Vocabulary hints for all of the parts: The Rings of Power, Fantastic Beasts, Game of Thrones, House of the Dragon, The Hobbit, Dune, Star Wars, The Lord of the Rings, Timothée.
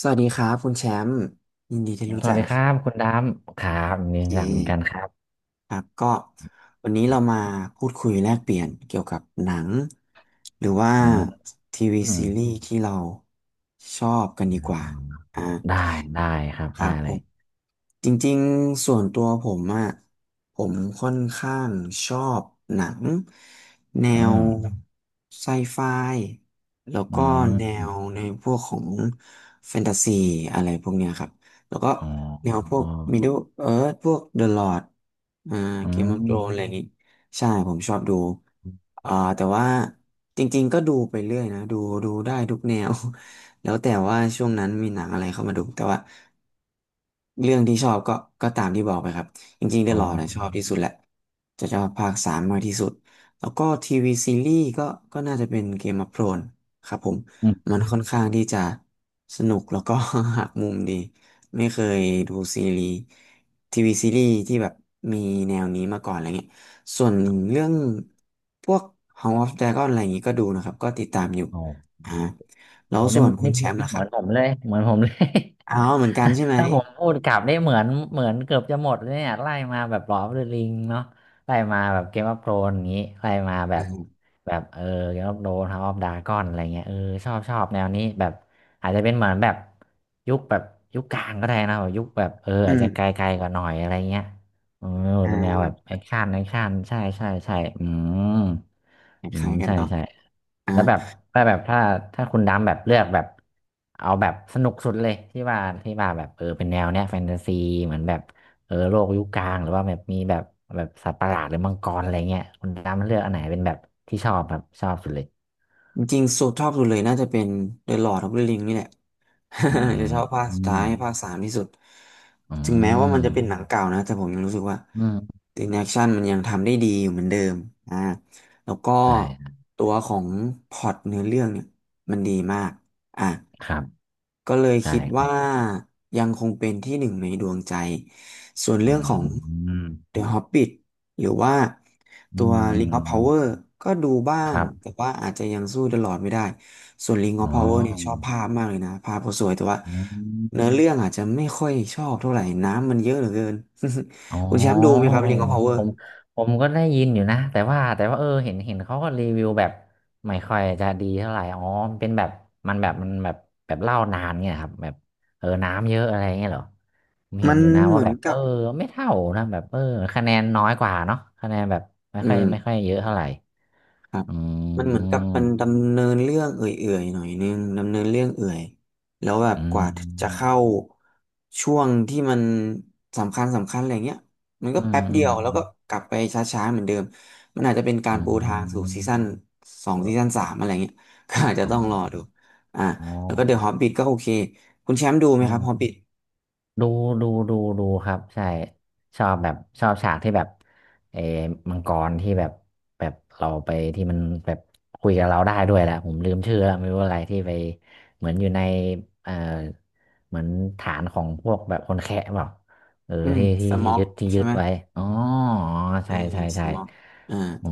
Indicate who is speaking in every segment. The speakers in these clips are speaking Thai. Speaker 1: สวัสดีครับคุณแชมป์ยินดีที่รู้
Speaker 2: ส
Speaker 1: จั
Speaker 2: วัส
Speaker 1: ก
Speaker 2: ดี
Speaker 1: นะ
Speaker 2: ค
Speaker 1: ค
Speaker 2: รั
Speaker 1: รั
Speaker 2: บคุ
Speaker 1: บ
Speaker 2: ณดามครับ
Speaker 1: โอ
Speaker 2: นี่
Speaker 1: เ
Speaker 2: อยากเหมือนกัน
Speaker 1: ค
Speaker 2: ครับ
Speaker 1: ครับก็วันนี้
Speaker 2: ค
Speaker 1: เรา
Speaker 2: รับ
Speaker 1: มาพูดคุยแลกเปลี่ยนเกี่ยวกับหนังหรือว่า
Speaker 2: อืม
Speaker 1: ทีวี
Speaker 2: อืม
Speaker 1: ซีรีส์ที่เราชอบกันดีกว่าอ่า
Speaker 2: ได้ได้ครับ
Speaker 1: ครั
Speaker 2: ได้
Speaker 1: บผ
Speaker 2: เลย
Speaker 1: ม จริงๆส่วนตัวผมอะผมค่อนข้างชอบหนังแน
Speaker 2: อื
Speaker 1: ว
Speaker 2: ม
Speaker 1: ไซไฟแล้ว
Speaker 2: อื
Speaker 1: ก็แนว
Speaker 2: ม
Speaker 1: ในพวกของแฟนตาซีอะไรพวกเนี้ยครับแล้วก็
Speaker 2: อ๋อ
Speaker 1: แนวพวก Middle Earth พวก The Lord อ่า
Speaker 2: อื
Speaker 1: Game of Thrones อะไร
Speaker 2: ม
Speaker 1: อย่างงี้ใช่ผมชอบดูอ่าแต่ว่าจริงๆก็ดูไปเรื่อยนะดูได้ทุกแนว แล้วแต่ว่าช่วงนั้นมีหนังอะไรเข้ามาดูแต่ว่าเรื่องที่ชอบก็ตามที่บอกไปครับจริงๆ The
Speaker 2: อ๋อ
Speaker 1: Lord นะชอบที่สุดแหละจะชอบภาคสามมากที่สุดแล้วก็ทีวีซีรีส์ก็น่าจะเป็นเกม of อ h โ o รนครับผม
Speaker 2: อืม
Speaker 1: มันค่อนข้างที่จะสนุกแล้วก็ หักมุมดีไม่เคยดูซีรีส์ทีวีซีรีส์ที่แบบมีแนวนี้มาก่อนอะไรเงี้ยส่วนเรื่องพวก House of Dragon อะไรอย่างงี้ก็ดูนะครับก็ติดตามอยู่
Speaker 2: อ๋อ
Speaker 1: อ่า แล้ว
Speaker 2: โอ้
Speaker 1: ส่
Speaker 2: นี่
Speaker 1: วนคุณ
Speaker 2: นี่
Speaker 1: แชมป์ล่ะ
Speaker 2: เห
Speaker 1: ค
Speaker 2: มื
Speaker 1: รั
Speaker 2: อ
Speaker 1: บ
Speaker 2: นผมเลยเหมือนผมเลย
Speaker 1: อ๋อเหมือนกันใช่ไหม
Speaker 2: ถ้าผมพูดกลับได้เหมือนเหมือนเกือบจะหมดเลยเนี่ยไล่มาแบบหลอฟเดอะริงเนาะไล่มาแบบเกมออฟโธรนอย่างนี้ไล่มาแบบ
Speaker 1: อ่า
Speaker 2: แบบเออเกมออฟโธรนเฮาส์ออฟดราก้อนอะไรเงี้ยเออชอบชอบแนวนี้แบบอาจจะเป็นเหมือนแบบยุคแบบยุคกลางก็ได้นะแบบยุคแบบเออ
Speaker 1: อื
Speaker 2: อาจ
Speaker 1: ม
Speaker 2: จะไกลๆกว่าหน่อยอะไรเงี้ยเออ
Speaker 1: อ่
Speaker 2: เป็นแนวแบบ
Speaker 1: า
Speaker 2: แอคชั่นแอคชั่นใช่ใช่ใช่อืม
Speaker 1: ค
Speaker 2: อืม
Speaker 1: ล้ายๆกัน
Speaker 2: ใช่
Speaker 1: เนาะ
Speaker 2: ใช่
Speaker 1: อ่า
Speaker 2: แล้วแบบถ้าแบบถ้าถ้าคุณดำแบบเลือกแบบเอาแบบสนุกสุดเลยที่ว่าที่ว่าแบบเออเป็นแนวเนี้ยแฟนตาซีเหมือนแบบเออโลกยุคกลางหรือว่าแบบมีแบบแบบสัตว์ประหลาดหรือมังกรอะไรเงี้ยคุณดำเลือกอันไหนเป็นแบบที่ชอบแบบชอบสุดเลย
Speaker 1: จริงๆสุดชอบสุดเลยน่าจะเป็น The Lord of the Ring นี่แหละ
Speaker 2: อื
Speaker 1: จะ
Speaker 2: ม
Speaker 1: ชอบภาค
Speaker 2: อื
Speaker 1: สุด
Speaker 2: ม
Speaker 1: ท้ายภาคสามที่สุด
Speaker 2: อื
Speaker 1: ถึงแม้ว่ามันจะเป็นหนั
Speaker 2: ม
Speaker 1: งเก่านะแต่ผมยังรู้สึกว่า
Speaker 2: อืม
Speaker 1: ถึงแอคชั่นมันยังทำได้ดีอยู่เหมือนเดิมอ่าแล้วก็
Speaker 2: ใช่
Speaker 1: ตัวของพล็อตเนื้อเรื่องเนี่ยมันดีมากอ่ะ
Speaker 2: ครับ
Speaker 1: ก็เลย
Speaker 2: ใช่
Speaker 1: คิด
Speaker 2: ครั
Speaker 1: ว่า
Speaker 2: บ
Speaker 1: ยังคงเป็นที่หนึ่งในดวงใจส่วนเรื่
Speaker 2: อื
Speaker 1: องของ
Speaker 2: ม
Speaker 1: The Hobbit หรือว่า
Speaker 2: อื
Speaker 1: ตัว
Speaker 2: มอื
Speaker 1: Ring of
Speaker 2: ม
Speaker 1: Power ก็ดูบ้า
Speaker 2: ค
Speaker 1: ง
Speaker 2: รั
Speaker 1: แต่
Speaker 2: บ
Speaker 1: ว่าอาจจะยังสู้ The Lord ไม่ได้ ส่วน Ring
Speaker 2: อ๋
Speaker 1: of
Speaker 2: อ
Speaker 1: Power เนี่ยชอบภาพมากเลยนะภาพก็าสวยแต่ว่า
Speaker 2: อื
Speaker 1: เนื้
Speaker 2: ม
Speaker 1: อเรื่องอาจจะไม่ค่อยชอบเท่าไหร่น้ำมันเยอะเหลือเกิน
Speaker 2: อ๋อ
Speaker 1: คุณแชมป์ดูไหมอ๋อคอรับ Ring of Power
Speaker 2: ผมผมก็ได้ยินอยู่นะแต่ว่าแต่ว่าเออเห็นเห็นเขาก็รีวิวแบบไม่ค่อยจะดีเท่าไหร่อ๋อมันเป็นแบบมันแบบมันแบบแบบเล่านานเงี้ยครับแบบเออน้ำเยอะอะไรเงี้ยเหรอผมเห็
Speaker 1: มั
Speaker 2: น
Speaker 1: น
Speaker 2: อยู่นะ
Speaker 1: เห
Speaker 2: ว่า
Speaker 1: มือ
Speaker 2: แบ
Speaker 1: น
Speaker 2: บเอ
Speaker 1: กั
Speaker 2: อ
Speaker 1: บ
Speaker 2: ไม่เท่านะแบบเออคะแนนน้อยกว่าเนาะคะแนนแบบไม่
Speaker 1: อื
Speaker 2: ค่อย
Speaker 1: ม
Speaker 2: ไม่ค่อยเยอะเท่าไหร่
Speaker 1: ครับ
Speaker 2: อื
Speaker 1: มันเหมือนกับ
Speaker 2: ม
Speaker 1: มันดำเนินเรื่องเอื่อยๆหน่อยนึงดำเนินเรื่องเอื่อยแล้วแบบ
Speaker 2: อื
Speaker 1: กว่าจะ
Speaker 2: ม
Speaker 1: เข้าช่วงที่มันสำคัญอะไรเงี้ยมันก็
Speaker 2: อื
Speaker 1: แป๊
Speaker 2: ม
Speaker 1: บเดียวแล้
Speaker 2: อื
Speaker 1: วก็
Speaker 2: ม
Speaker 1: กลับไปช้าๆเหมือนเดิมมันอาจจะเป็นกา
Speaker 2: อื
Speaker 1: ร
Speaker 2: ม
Speaker 1: ปูทางสู่
Speaker 2: อืม
Speaker 1: ซีซั่นสอง
Speaker 2: เออ
Speaker 1: ซีซั่นสามอะไรเงี้ย ก็อาจจะ
Speaker 2: อ๋อ
Speaker 1: ต้องรอดูอ่าแล้วก็เดอะฮอบบิทก็โอเคคุณแชมป์ดูไหม
Speaker 2: อ๋อ
Speaker 1: ครับฮอบบิท
Speaker 2: ดูดูดูดูครับใช่ชอบแบบชอบฉากที่แบบเออมังกรที่แบบแบบเราไปที่มันแบบคุยกับเราได้ด้วยแหละผมลืมชื่อแล้วไม่รู้อะไรที่ไปเหมือนอยู่ในเออเหมือนฐานของพวกแบบคนแคะเปล่าเออ
Speaker 1: อืม
Speaker 2: ที่ที่
Speaker 1: ส
Speaker 2: ที่
Speaker 1: ม็อก
Speaker 2: ยึดที่
Speaker 1: ใช่
Speaker 2: ยึด
Speaker 1: ไหม
Speaker 2: ไว้อ๋อ
Speaker 1: อื
Speaker 2: ใช่
Speaker 1: ม
Speaker 2: ใช่
Speaker 1: ส
Speaker 2: ใช่
Speaker 1: ม็อกอ่า
Speaker 2: อ๋อ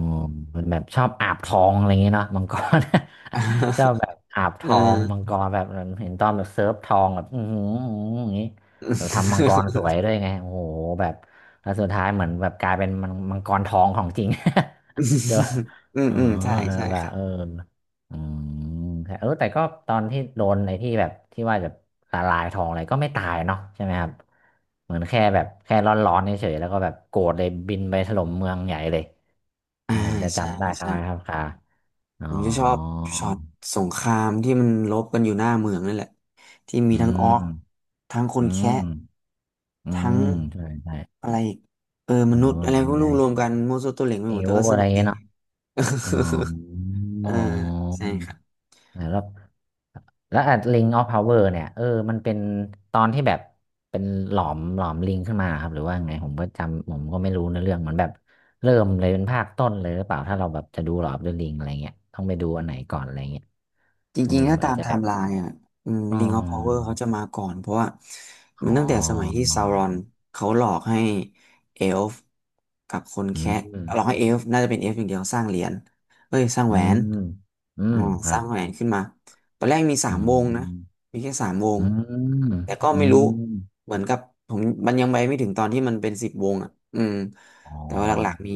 Speaker 2: มันแบบชอบอาบทองอะไรอย่างเงี้ยเนาะมังกร ชอบ แบบอาบท
Speaker 1: เอ
Speaker 2: องมัง
Speaker 1: อ
Speaker 2: กรแบบเห็นตอนแบบเซิร์ฟทองแบบอือหืออย่างงี้ เออทำมังกรสวยด้วยไงโอ้โหแบบแล้วสุดท้ายเหมือนแบบกลายเป็นมังมังกรทองของจริง
Speaker 1: อืม
Speaker 2: เดี๋ยว
Speaker 1: อืม
Speaker 2: เอ๋อ
Speaker 1: อืมใช่ใช่
Speaker 2: แบ
Speaker 1: ค
Speaker 2: บ
Speaker 1: รับ
Speaker 2: เอออืมแต่เออแต่ก็ตอนที่โดนในที่แบบที่ว่าจะละลายทองอะไรก็ไม่ตายเนาะใช่ไหมครับ เหมือนแค่แบบแค่ร้อนๆเฉยๆแล้วก็แบบโกรธเลยบินไปถล่มเมืองใหญ่เลย
Speaker 1: อ่า
Speaker 2: อันผมจะ
Speaker 1: ใช่
Speaker 2: จำได้ครับ
Speaker 1: ใช่
Speaker 2: ครับค่ะอ๋อ
Speaker 1: ผมจะชอบช็อตสงครามที่มันรบกันอยู่หน้าเมืองนั่นแหละที่มี
Speaker 2: อื
Speaker 1: ทั้งออก
Speaker 2: ม
Speaker 1: ทั้งค
Speaker 2: อื
Speaker 1: นแคะ
Speaker 2: มอื
Speaker 1: ทั้ง
Speaker 2: มใช่ใช่
Speaker 1: อะไรอีกเออม
Speaker 2: เอ
Speaker 1: นุษย์
Speaker 2: อ
Speaker 1: อะไร
Speaker 2: มัน
Speaker 1: ก็ไม่
Speaker 2: เล
Speaker 1: รู้
Speaker 2: ย
Speaker 1: รวมกันมั่วซั่วตัวเหล็งไป
Speaker 2: เอ
Speaker 1: หมดแต่
Speaker 2: ว
Speaker 1: ก็ส
Speaker 2: อะไร
Speaker 1: นุกดี
Speaker 2: เงี้ยเนาะ อ๋อ
Speaker 1: เอ
Speaker 2: อ๋
Speaker 1: อ
Speaker 2: อ
Speaker 1: ใช่ครับ
Speaker 2: แล้วแล้วอ่ะลิงออฟพาวเวอร์เนี่ยเออ มันเป็นตอนที่แบบเป็นหลอมหลอมลิงขึ้นมาครับหรือว่าไงผมก็จำผมก็ไม่รู้ในเรื่องเหมือนแบบเริ่มเลยเป็นภาคต้นเลยหรือเปล่าถ้าเราแบบจะดูหลอมเดอะลิงอะไรเงี้ยต้องไปดูอันไหนก่อนอะไรเงี้ย
Speaker 1: จ
Speaker 2: เออ
Speaker 1: ริงๆ ถ้าตา
Speaker 2: อาจ
Speaker 1: ม
Speaker 2: จะ
Speaker 1: ไท
Speaker 2: แบบ
Speaker 1: ม์ไลน์อ่ะอืม
Speaker 2: อ๋
Speaker 1: Ring of Power
Speaker 2: อ
Speaker 1: เขาจะมาก่อนเพราะว่ามั
Speaker 2: อ๋
Speaker 1: นตั้งแต่สมัยที่
Speaker 2: อ
Speaker 1: ซาวรอนเขาหลอกให้เอลฟ์กับคน
Speaker 2: อื
Speaker 1: แคะ
Speaker 2: ม
Speaker 1: หลอกให้เอลฟ์น่าจะเป็นเอลฟ์อย่างเดียวสร้างเหรียญเอ้ยสร้าง
Speaker 2: อื
Speaker 1: แหวน
Speaker 2: มอื
Speaker 1: อ่า
Speaker 2: มค
Speaker 1: ส
Speaker 2: รับ
Speaker 1: ร้างแหวนขึ้นมาตอนแรกมีสา
Speaker 2: อื
Speaker 1: มวงนะ
Speaker 2: ม
Speaker 1: มีแค่สามว
Speaker 2: อื
Speaker 1: ง
Speaker 2: ม
Speaker 1: แต่ก็
Speaker 2: อื
Speaker 1: ไม่รู้
Speaker 2: ม
Speaker 1: เหมือนกับผมมันยังไปไม่ถึงตอนที่มันเป็นสิบวงอ่ะอืม
Speaker 2: อ๋
Speaker 1: แต่ว่าหลัก
Speaker 2: อ
Speaker 1: ๆ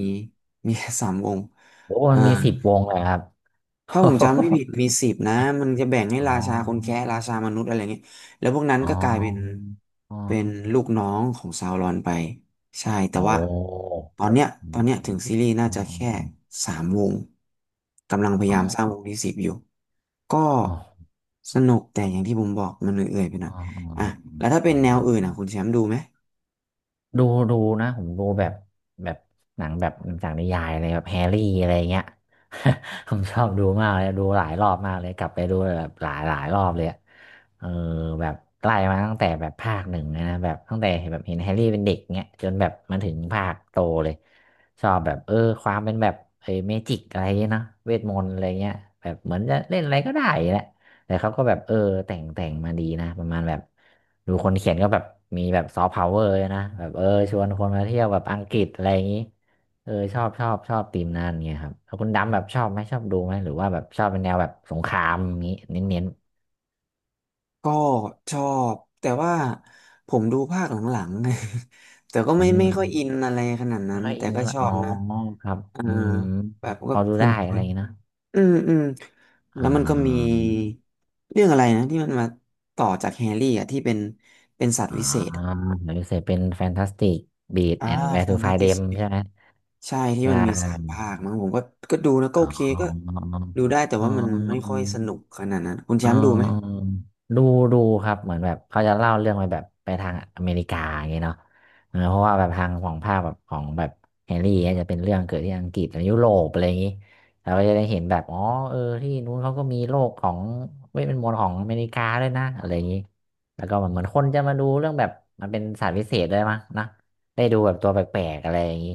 Speaker 1: มีแค่สามวง
Speaker 2: โอ้
Speaker 1: อ่า
Speaker 2: มันมีสิบวงเลยครับ
Speaker 1: ถ้าผมจำไม่ ผิดมีสิบนะมันจะแบ่งให้
Speaker 2: อ๋
Speaker 1: รา
Speaker 2: อ
Speaker 1: ชาคนแคะราชามนุษย์อะไรเงี้ยแล้วพวกนั้น
Speaker 2: อ๋อ
Speaker 1: ก็กลายเป็น
Speaker 2: อ๋
Speaker 1: เป็น
Speaker 2: อ
Speaker 1: ลูกน้องของซาวรอนไปใช่แต่
Speaker 2: โอ
Speaker 1: ว่า
Speaker 2: ้
Speaker 1: ตอนเนี้ย
Speaker 2: อื
Speaker 1: ตอ
Speaker 2: ม
Speaker 1: นเนี้ยถึงซีรีส์น่า
Speaker 2: อ๋อ
Speaker 1: จะแค่สามวงกำลังพยายาม
Speaker 2: อ
Speaker 1: สร้างวงที่สิบอยู่ก็
Speaker 2: ๋อ
Speaker 1: สนุกแต่อย่างที่ผมบอกมันเอื่อยๆไปหน่อ
Speaker 2: อ๋
Speaker 1: ย
Speaker 2: ออ๋อ
Speaker 1: อ่ะแล้วถ้าเป็
Speaker 2: อ๋อ
Speaker 1: นแนว
Speaker 2: อ๋อ
Speaker 1: อื่นอ่ะคุณแชมป์ดูไหม
Speaker 2: ดูดูนะผมดูแบบแบบหนังแบบหนังจากนิยายอะไรแบบแฮร์รี่อะไรเงี้ย ผมชอบดูมากเลยดูหลายรอบมากเลยกลับไปดูแบบหลายหลายรอบเลยอะเออแบบไล่มาตั้งแต่แบบภาคหนึ่งเลยนะแบบตั้งแต่เห็นแบบเห็นแฮร์รี่เป็นเด็กเงี้ยจนแบบมาถึงภาคโตเลยชอบแบบเออความเป็นแบบเมจิกอะไรเงี้ยนะเวทมนต์อะไรเงี้ยแบบเหมือนจะเล่นอะไรก็ได้แหละ แต่เขาก็แบบเออแต่งแต่งมาดีนะประมาณแบบดูคนเขียนก็แบบมีแบบซอฟต์พาวเวอร์นะแบบเออชวนคนมาเที่ยวแบบอังกฤษอะไรอย่างนี้เออชอบชอบชอบธีมนั้นเงี้ยครับแล้วคุณดำแบบชอบไหมชอบดูไหมหรือว่าแบบชอบเป็นแนวแบบสงครามอย่างนี้เน้น
Speaker 1: ก็ชอบแต่ว่าผมดูภาคหลังๆ แต่ก็
Speaker 2: ๆอืม
Speaker 1: ไม่ค่อ
Speaker 2: อื
Speaker 1: ย
Speaker 2: ม
Speaker 1: อินอะไรขนาด
Speaker 2: ไม่
Speaker 1: นั้น
Speaker 2: ค่อย
Speaker 1: แต่
Speaker 2: อิน
Speaker 1: ก็
Speaker 2: เท่าไหร่
Speaker 1: ชอ
Speaker 2: อ๋อ
Speaker 1: บนะ
Speaker 2: ครับ
Speaker 1: อ่า
Speaker 2: อืม
Speaker 1: แบบ
Speaker 2: พ
Speaker 1: ก็
Speaker 2: อดู
Speaker 1: เพลิ
Speaker 2: ได้
Speaker 1: นเพ
Speaker 2: อะ
Speaker 1: ลิ
Speaker 2: ไรอ
Speaker 1: น
Speaker 2: ย่างงี้เนอะ
Speaker 1: อืมอืมแล้
Speaker 2: อ่
Speaker 1: วมันก็มี
Speaker 2: า
Speaker 1: เรื่องอะไรนะที่มันมาต่อจากแฮร์รี่อ่ะที่เป็นสัตว์
Speaker 2: อ่า
Speaker 1: วิเศษอะ
Speaker 2: หรือเสพเป็นแฟนตาสติกบี a
Speaker 1: อ่า
Speaker 2: แอนด์แวร์
Speaker 1: แฟ
Speaker 2: ทู
Speaker 1: น
Speaker 2: ไฟ
Speaker 1: ตา
Speaker 2: เด
Speaker 1: ส
Speaker 2: ม
Speaker 1: ติก
Speaker 2: ใช่ไหม
Speaker 1: ใช่ที่
Speaker 2: ใช
Speaker 1: มันมีสาม
Speaker 2: ่
Speaker 1: ภาคมั้งผมก็ดูนะก็
Speaker 2: อ๋
Speaker 1: โอเคก็
Speaker 2: อ
Speaker 1: ดูได้แต่
Speaker 2: อ๋อ
Speaker 1: ว่ามันไม่ค่อยสนุกขนาดนั้นคุณแช
Speaker 2: อ๋
Speaker 1: มป์ดูไหม
Speaker 2: อดูดูครับเหมือนแบบเขาจะเล่าเรื่องไปแบบไปทางอเมริกาอย่างเงี้ยเนาะเออเพราะว่าแบบทางของภาคแบบของแบบแฮร์รี่เนี่ยจะเป็นเรื่องเกิดที่อังกฤษหรือยุโรปอะไรอย่างงี้เราก็จะได้เห็นแบบอ๋อเออที่นู้นเขาก็มีโลกของเวทมนต์ของอเมริกาด้วยนะอะไรอย่างงี้แล้วก็เหมือนคนจะมาดูเรื่องแบบมันเป็นศาสตร์พิเศษด้วยมั้งนะ ได้ดูแบบตัวแปลกๆอะไรอย่างนี้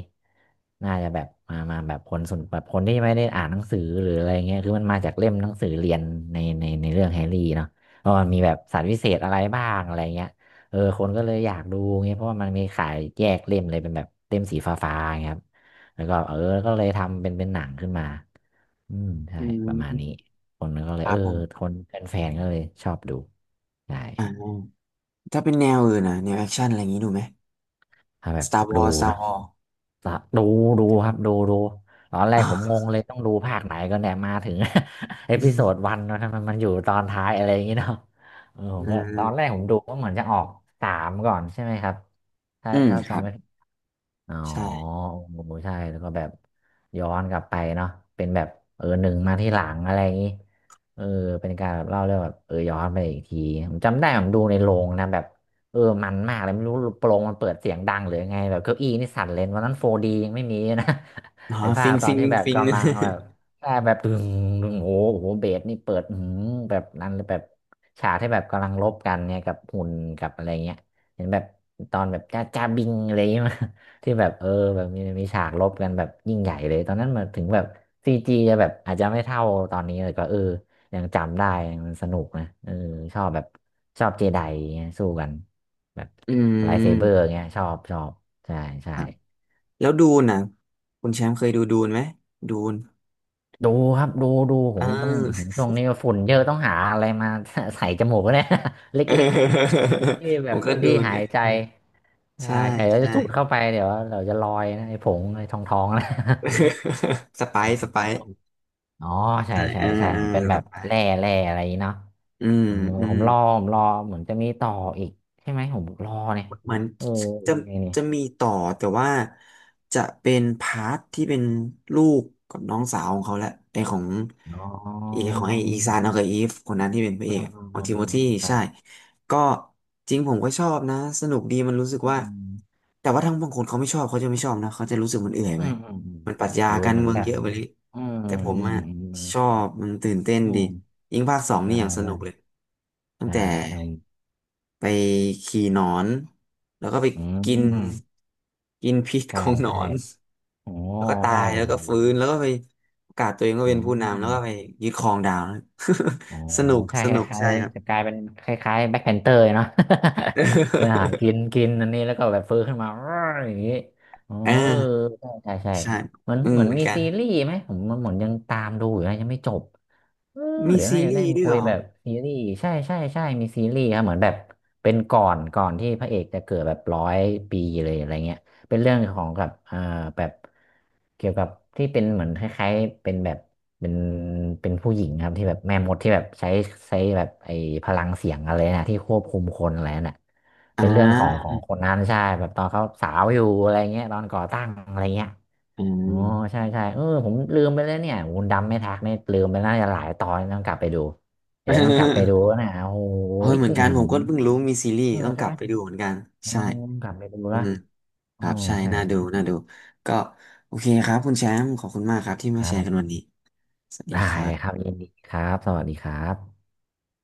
Speaker 2: น่าจะแบบมาแบบคนสนแบบคนที่ไม่ได้อ่านหนังสือหรืออะไรเงี้ยคือมันมาจากเล่มหนังสือเรียนในเรื่องแฮร์รี่เนาะเพราะมันมีแบบสัตว์วิเศษอะไรบ้างอะไรเงี้ยเออคนก็เลยอยากดูเงี้ยเพราะว่ามันมีขายแยกเล่มเลยเป็นแบบเล่มสีฟ้าๆอย่างเงี้ยครับแล้วก็เออก็เลยทำเป็นหนังขึ้นมาอืมใช่
Speaker 1: อื
Speaker 2: ป
Speaker 1: ม
Speaker 2: ระมาณนี้คนก็เล
Speaker 1: ค
Speaker 2: ย
Speaker 1: รั
Speaker 2: เอ
Speaker 1: บ
Speaker 2: อ
Speaker 1: ผม
Speaker 2: คนแฟนๆก็เลยชอบดูใช่
Speaker 1: อ่าถ้าเป็นแนวอื่นนะแนวแอคชั่นอะไรอย่างนี้ดูไหม
Speaker 2: ถ้าแบบ ดู
Speaker 1: Star
Speaker 2: นะ
Speaker 1: Wars
Speaker 2: สะดูดูครับตอนแร ก
Speaker 1: อ่า
Speaker 2: ผมงงเลยต้องดูภาคไหนก็เนี่ยมาถึง เอพิโซด
Speaker 1: อื
Speaker 2: วันนะทำไมมันอยู่ตอนท้ายอะไรอย่างงี้เนาะเออผมก็ตอนแร
Speaker 1: ม
Speaker 2: กผมดูว่าเหมือนจะออกสามก่อนใช่ไหมครับถ้า
Speaker 1: อืม
Speaker 2: ถ้า
Speaker 1: ครั
Speaker 2: จำ
Speaker 1: บ
Speaker 2: ไม่ อ๋อ
Speaker 1: ใช่
Speaker 2: โอ้ใช่ แล้วก็แบบย้อนกลับไปเนาะเป็นแบบเออหนึ่งมาที่หลังอะไรอย่างนี้เออเป็นการแบบเล่าเรื่องแบบเออย้อนไปอีกทีผมจำได้ผมดูในโรงนะแบบเออมันมากเลยไม่รู้โปรงมันเปิดเสียงดังหรือยังไงแบบเก้าอี้นี่สั่นเลยวันนั้น 4D ยังไม่มีนะ
Speaker 1: อ๋อ
Speaker 2: ไอ้ภา
Speaker 1: ฟิ
Speaker 2: ค
Speaker 1: ง
Speaker 2: ตอ
Speaker 1: ฟิ
Speaker 2: น
Speaker 1: ง
Speaker 2: ที่แบบ
Speaker 1: ฟิง
Speaker 2: กำลังแบบ ใช่แบบดึงโอ้โหเบสนี่เปิดอือหือแบบนั้นเลยแบบฉากที่แบบกำลังลบกันเนี่ยกับหุ่นกับอะไรเงี้ยเห็นแบบตอนแบบจ้าบิงอะไรอย่างเงี้ย ที่แบบเออแบบมีฉากรบกันแบบยิ่งใหญ่เลยตอนนั้นมาถึงแบบซีจีจะแบบอาจจะไม่เท่าตอนนี้แต่ก็เออยังจำได้มันสนุกนะเออชอบแบบชอบเจไดเงี้ยสู้กันแบบ
Speaker 1: อื
Speaker 2: ไลท์เซเบอร์
Speaker 1: ม
Speaker 2: เงี้ยชอบใช่ใช่
Speaker 1: ครับแล้วดูนนะคุณแชมป์เคยดูนไหมดูน
Speaker 2: ดูครับผ
Speaker 1: เอ้
Speaker 2: มต้องผมช่วงนี้ก็ฝุ่นเยอะต้องหาอะไรมา ใส่จมูกเนี่ย เล
Speaker 1: เออ
Speaker 2: ็กๆเป็นที่ แบ
Speaker 1: ผ
Speaker 2: บ
Speaker 1: มก็
Speaker 2: เป็น
Speaker 1: ดู
Speaker 2: ที่
Speaker 1: น
Speaker 2: หา
Speaker 1: ไง
Speaker 2: ยใจใช่
Speaker 1: ใช่
Speaker 2: ใช่แล้ว
Speaker 1: ใช่
Speaker 2: จะสูดเข้าไปเดี๋ยวเราจะลอยนะไอ้ผงไอ้ทองนะ
Speaker 1: สไป ซ์
Speaker 2: โอ้ อ๋อใช่
Speaker 1: ใช่
Speaker 2: ใช่ใช่
Speaker 1: อ่า
Speaker 2: มันเป็นแบ
Speaker 1: ส
Speaker 2: บ
Speaker 1: ไป
Speaker 2: แร่
Speaker 1: ซ์
Speaker 2: แร่อะไรอย่างงี้เนาะ
Speaker 1: อืม
Speaker 2: เออ
Speaker 1: อื
Speaker 2: ผ
Speaker 1: ม
Speaker 2: มรอผมรอเหมือนจะมีต่ออีกใช่ไหมผมรอเนี่ย
Speaker 1: เหมือน
Speaker 2: เออ
Speaker 1: จะ
Speaker 2: ไงเนี่ย
Speaker 1: จะมีต่อแต่ว่าจะเป็นพาร์ทที่เป็นลูกกับน้องสาวของเขาแหละ
Speaker 2: อ๋
Speaker 1: ไอ
Speaker 2: อ
Speaker 1: ของไออีซานเอากับอีฟคนนั้นที่เป็นพระ
Speaker 2: อื
Speaker 1: เอก
Speaker 2: ม
Speaker 1: อะ
Speaker 2: อืม
Speaker 1: ของ
Speaker 2: อื
Speaker 1: ทิโม
Speaker 2: ม
Speaker 1: ธี
Speaker 2: ครั
Speaker 1: ใช่
Speaker 2: บ
Speaker 1: ก็จริงผมก็ชอบนะสนุกดีมันรู้สึ
Speaker 2: อื
Speaker 1: กว่า
Speaker 2: ม
Speaker 1: แต่ว่าทั้งบางคนเขาไม่ชอบเขาจะไม่ชอบนะเขาจะรู้สึกมันเอื่อย
Speaker 2: อื
Speaker 1: ไป
Speaker 2: มอืมอืม
Speaker 1: มันปรัชญา
Speaker 2: ดู
Speaker 1: การ
Speaker 2: เหมือ
Speaker 1: เมื
Speaker 2: น
Speaker 1: อง
Speaker 2: แบบ
Speaker 1: เยอะไปเลย
Speaker 2: อืมอื
Speaker 1: แต่ผม
Speaker 2: ม
Speaker 1: อะ
Speaker 2: อืม
Speaker 1: ชอบมันตื่นเต้น
Speaker 2: อื
Speaker 1: ดี
Speaker 2: ม
Speaker 1: ยิ่งภาคสอง
Speaker 2: ใช่
Speaker 1: นี่อย่างสนุ
Speaker 2: ใช่
Speaker 1: กเลยตั้ง
Speaker 2: ใช่
Speaker 1: แต่
Speaker 2: ครับผม
Speaker 1: ไปขี่หนอนแล้วก็ไป
Speaker 2: อื
Speaker 1: กิน
Speaker 2: ม
Speaker 1: กินพิษ
Speaker 2: ใช่
Speaker 1: ของหน
Speaker 2: ใช่
Speaker 1: อน
Speaker 2: โอ้
Speaker 1: แล้วก็ตา
Speaker 2: ใช่
Speaker 1: ยแล้
Speaker 2: โอ้
Speaker 1: วก็
Speaker 2: โห
Speaker 1: ฟื้นแล้วก็ไปประกาศตัวเองว่า
Speaker 2: อื
Speaker 1: เป็นผู้นำแล้ว
Speaker 2: ม
Speaker 1: ก็ไปยึดครองดาวนะ
Speaker 2: อ๋อ ใช่
Speaker 1: ส
Speaker 2: ค
Speaker 1: นุก
Speaker 2: ล้าย
Speaker 1: ใช่ครับ
Speaker 2: ๆจะกลายเป็นคล้ายๆแบ็คแพนเตอร์เนาะ ไปหากิน กินอันนี้แล้วก็แบบฟื้นขึ้นมา อย่างนี้อ๋อ
Speaker 1: อ่า
Speaker 2: เออใช่
Speaker 1: ใช่
Speaker 2: เหมือน
Speaker 1: อื
Speaker 2: เห
Speaker 1: ม
Speaker 2: มือน
Speaker 1: เหมือน
Speaker 2: มี
Speaker 1: กัน
Speaker 2: ซีรีส์ไหมผมมันเหมือนยังตามดูอยู่นะยังไม่จบ เออ
Speaker 1: มี
Speaker 2: เดี๋ยว
Speaker 1: ซี
Speaker 2: น่าจะ
Speaker 1: รี
Speaker 2: ได้
Speaker 1: ส์
Speaker 2: มา
Speaker 1: ด้วย
Speaker 2: คุ
Speaker 1: เหร
Speaker 2: ย
Speaker 1: อ
Speaker 2: แบบซีรีส์ใช่มีซีรีส์ครับเหมือนแบบเป็นก่อนที่พระเอกจะเกิดแบบร้อยปีเลยอะไรเงี้ยเป็นเรื่องของกับอ่าแบบเกี่ยวกับที่เป็นเหมือนคล้ายๆเป็นแบบเป็นเป็นผู้หญิงครับที่แบบแม่มดที่แบบใช้ใช้แบบไอ้พลังเสียงอะไรนะที่ควบคุมคนอะไรน่ะ
Speaker 1: อ่
Speaker 2: เป็นเรื่องของขอ
Speaker 1: า
Speaker 2: งคนนั้นใช่แบบตอนเขาสาวอยู่อะไรเงี้ยตอนก่อตั้งอะไรเงี้ย
Speaker 1: อืม
Speaker 2: อ๋อใช่เออผมลืมไปแล้วเนี่ยโอ้นดำไม่ทักเนี่ยลืมไปน่าจะหลายตอนต้องกลับไปดู นะโอ้โห
Speaker 1: เฮ้ อเหมือ
Speaker 2: อื
Speaker 1: นกัน
Speaker 2: ม
Speaker 1: ผมก็เพิ่งรู้มีซีรีส์
Speaker 2: อืม
Speaker 1: ต้องก
Speaker 2: ใช่
Speaker 1: ลั
Speaker 2: ไห
Speaker 1: บ
Speaker 2: ม
Speaker 1: ไปดูเหมือนกัน
Speaker 2: อ๋อ
Speaker 1: ใช่
Speaker 2: กลับไปดู
Speaker 1: อื
Speaker 2: ละ
Speaker 1: ม ค
Speaker 2: อ๋อ
Speaker 1: รับใช่
Speaker 2: ใช่ใช่
Speaker 1: น่าดูก็โอเคครับคุณแชมป์ขอบคุณมากครับที่
Speaker 2: ค
Speaker 1: มา
Speaker 2: รั
Speaker 1: แชร์กัน
Speaker 2: บ
Speaker 1: วันนี้สวัสดี
Speaker 2: ได้
Speaker 1: ครั
Speaker 2: ครับ
Speaker 1: บ
Speaker 2: ยินดีครับสวัสดีครับ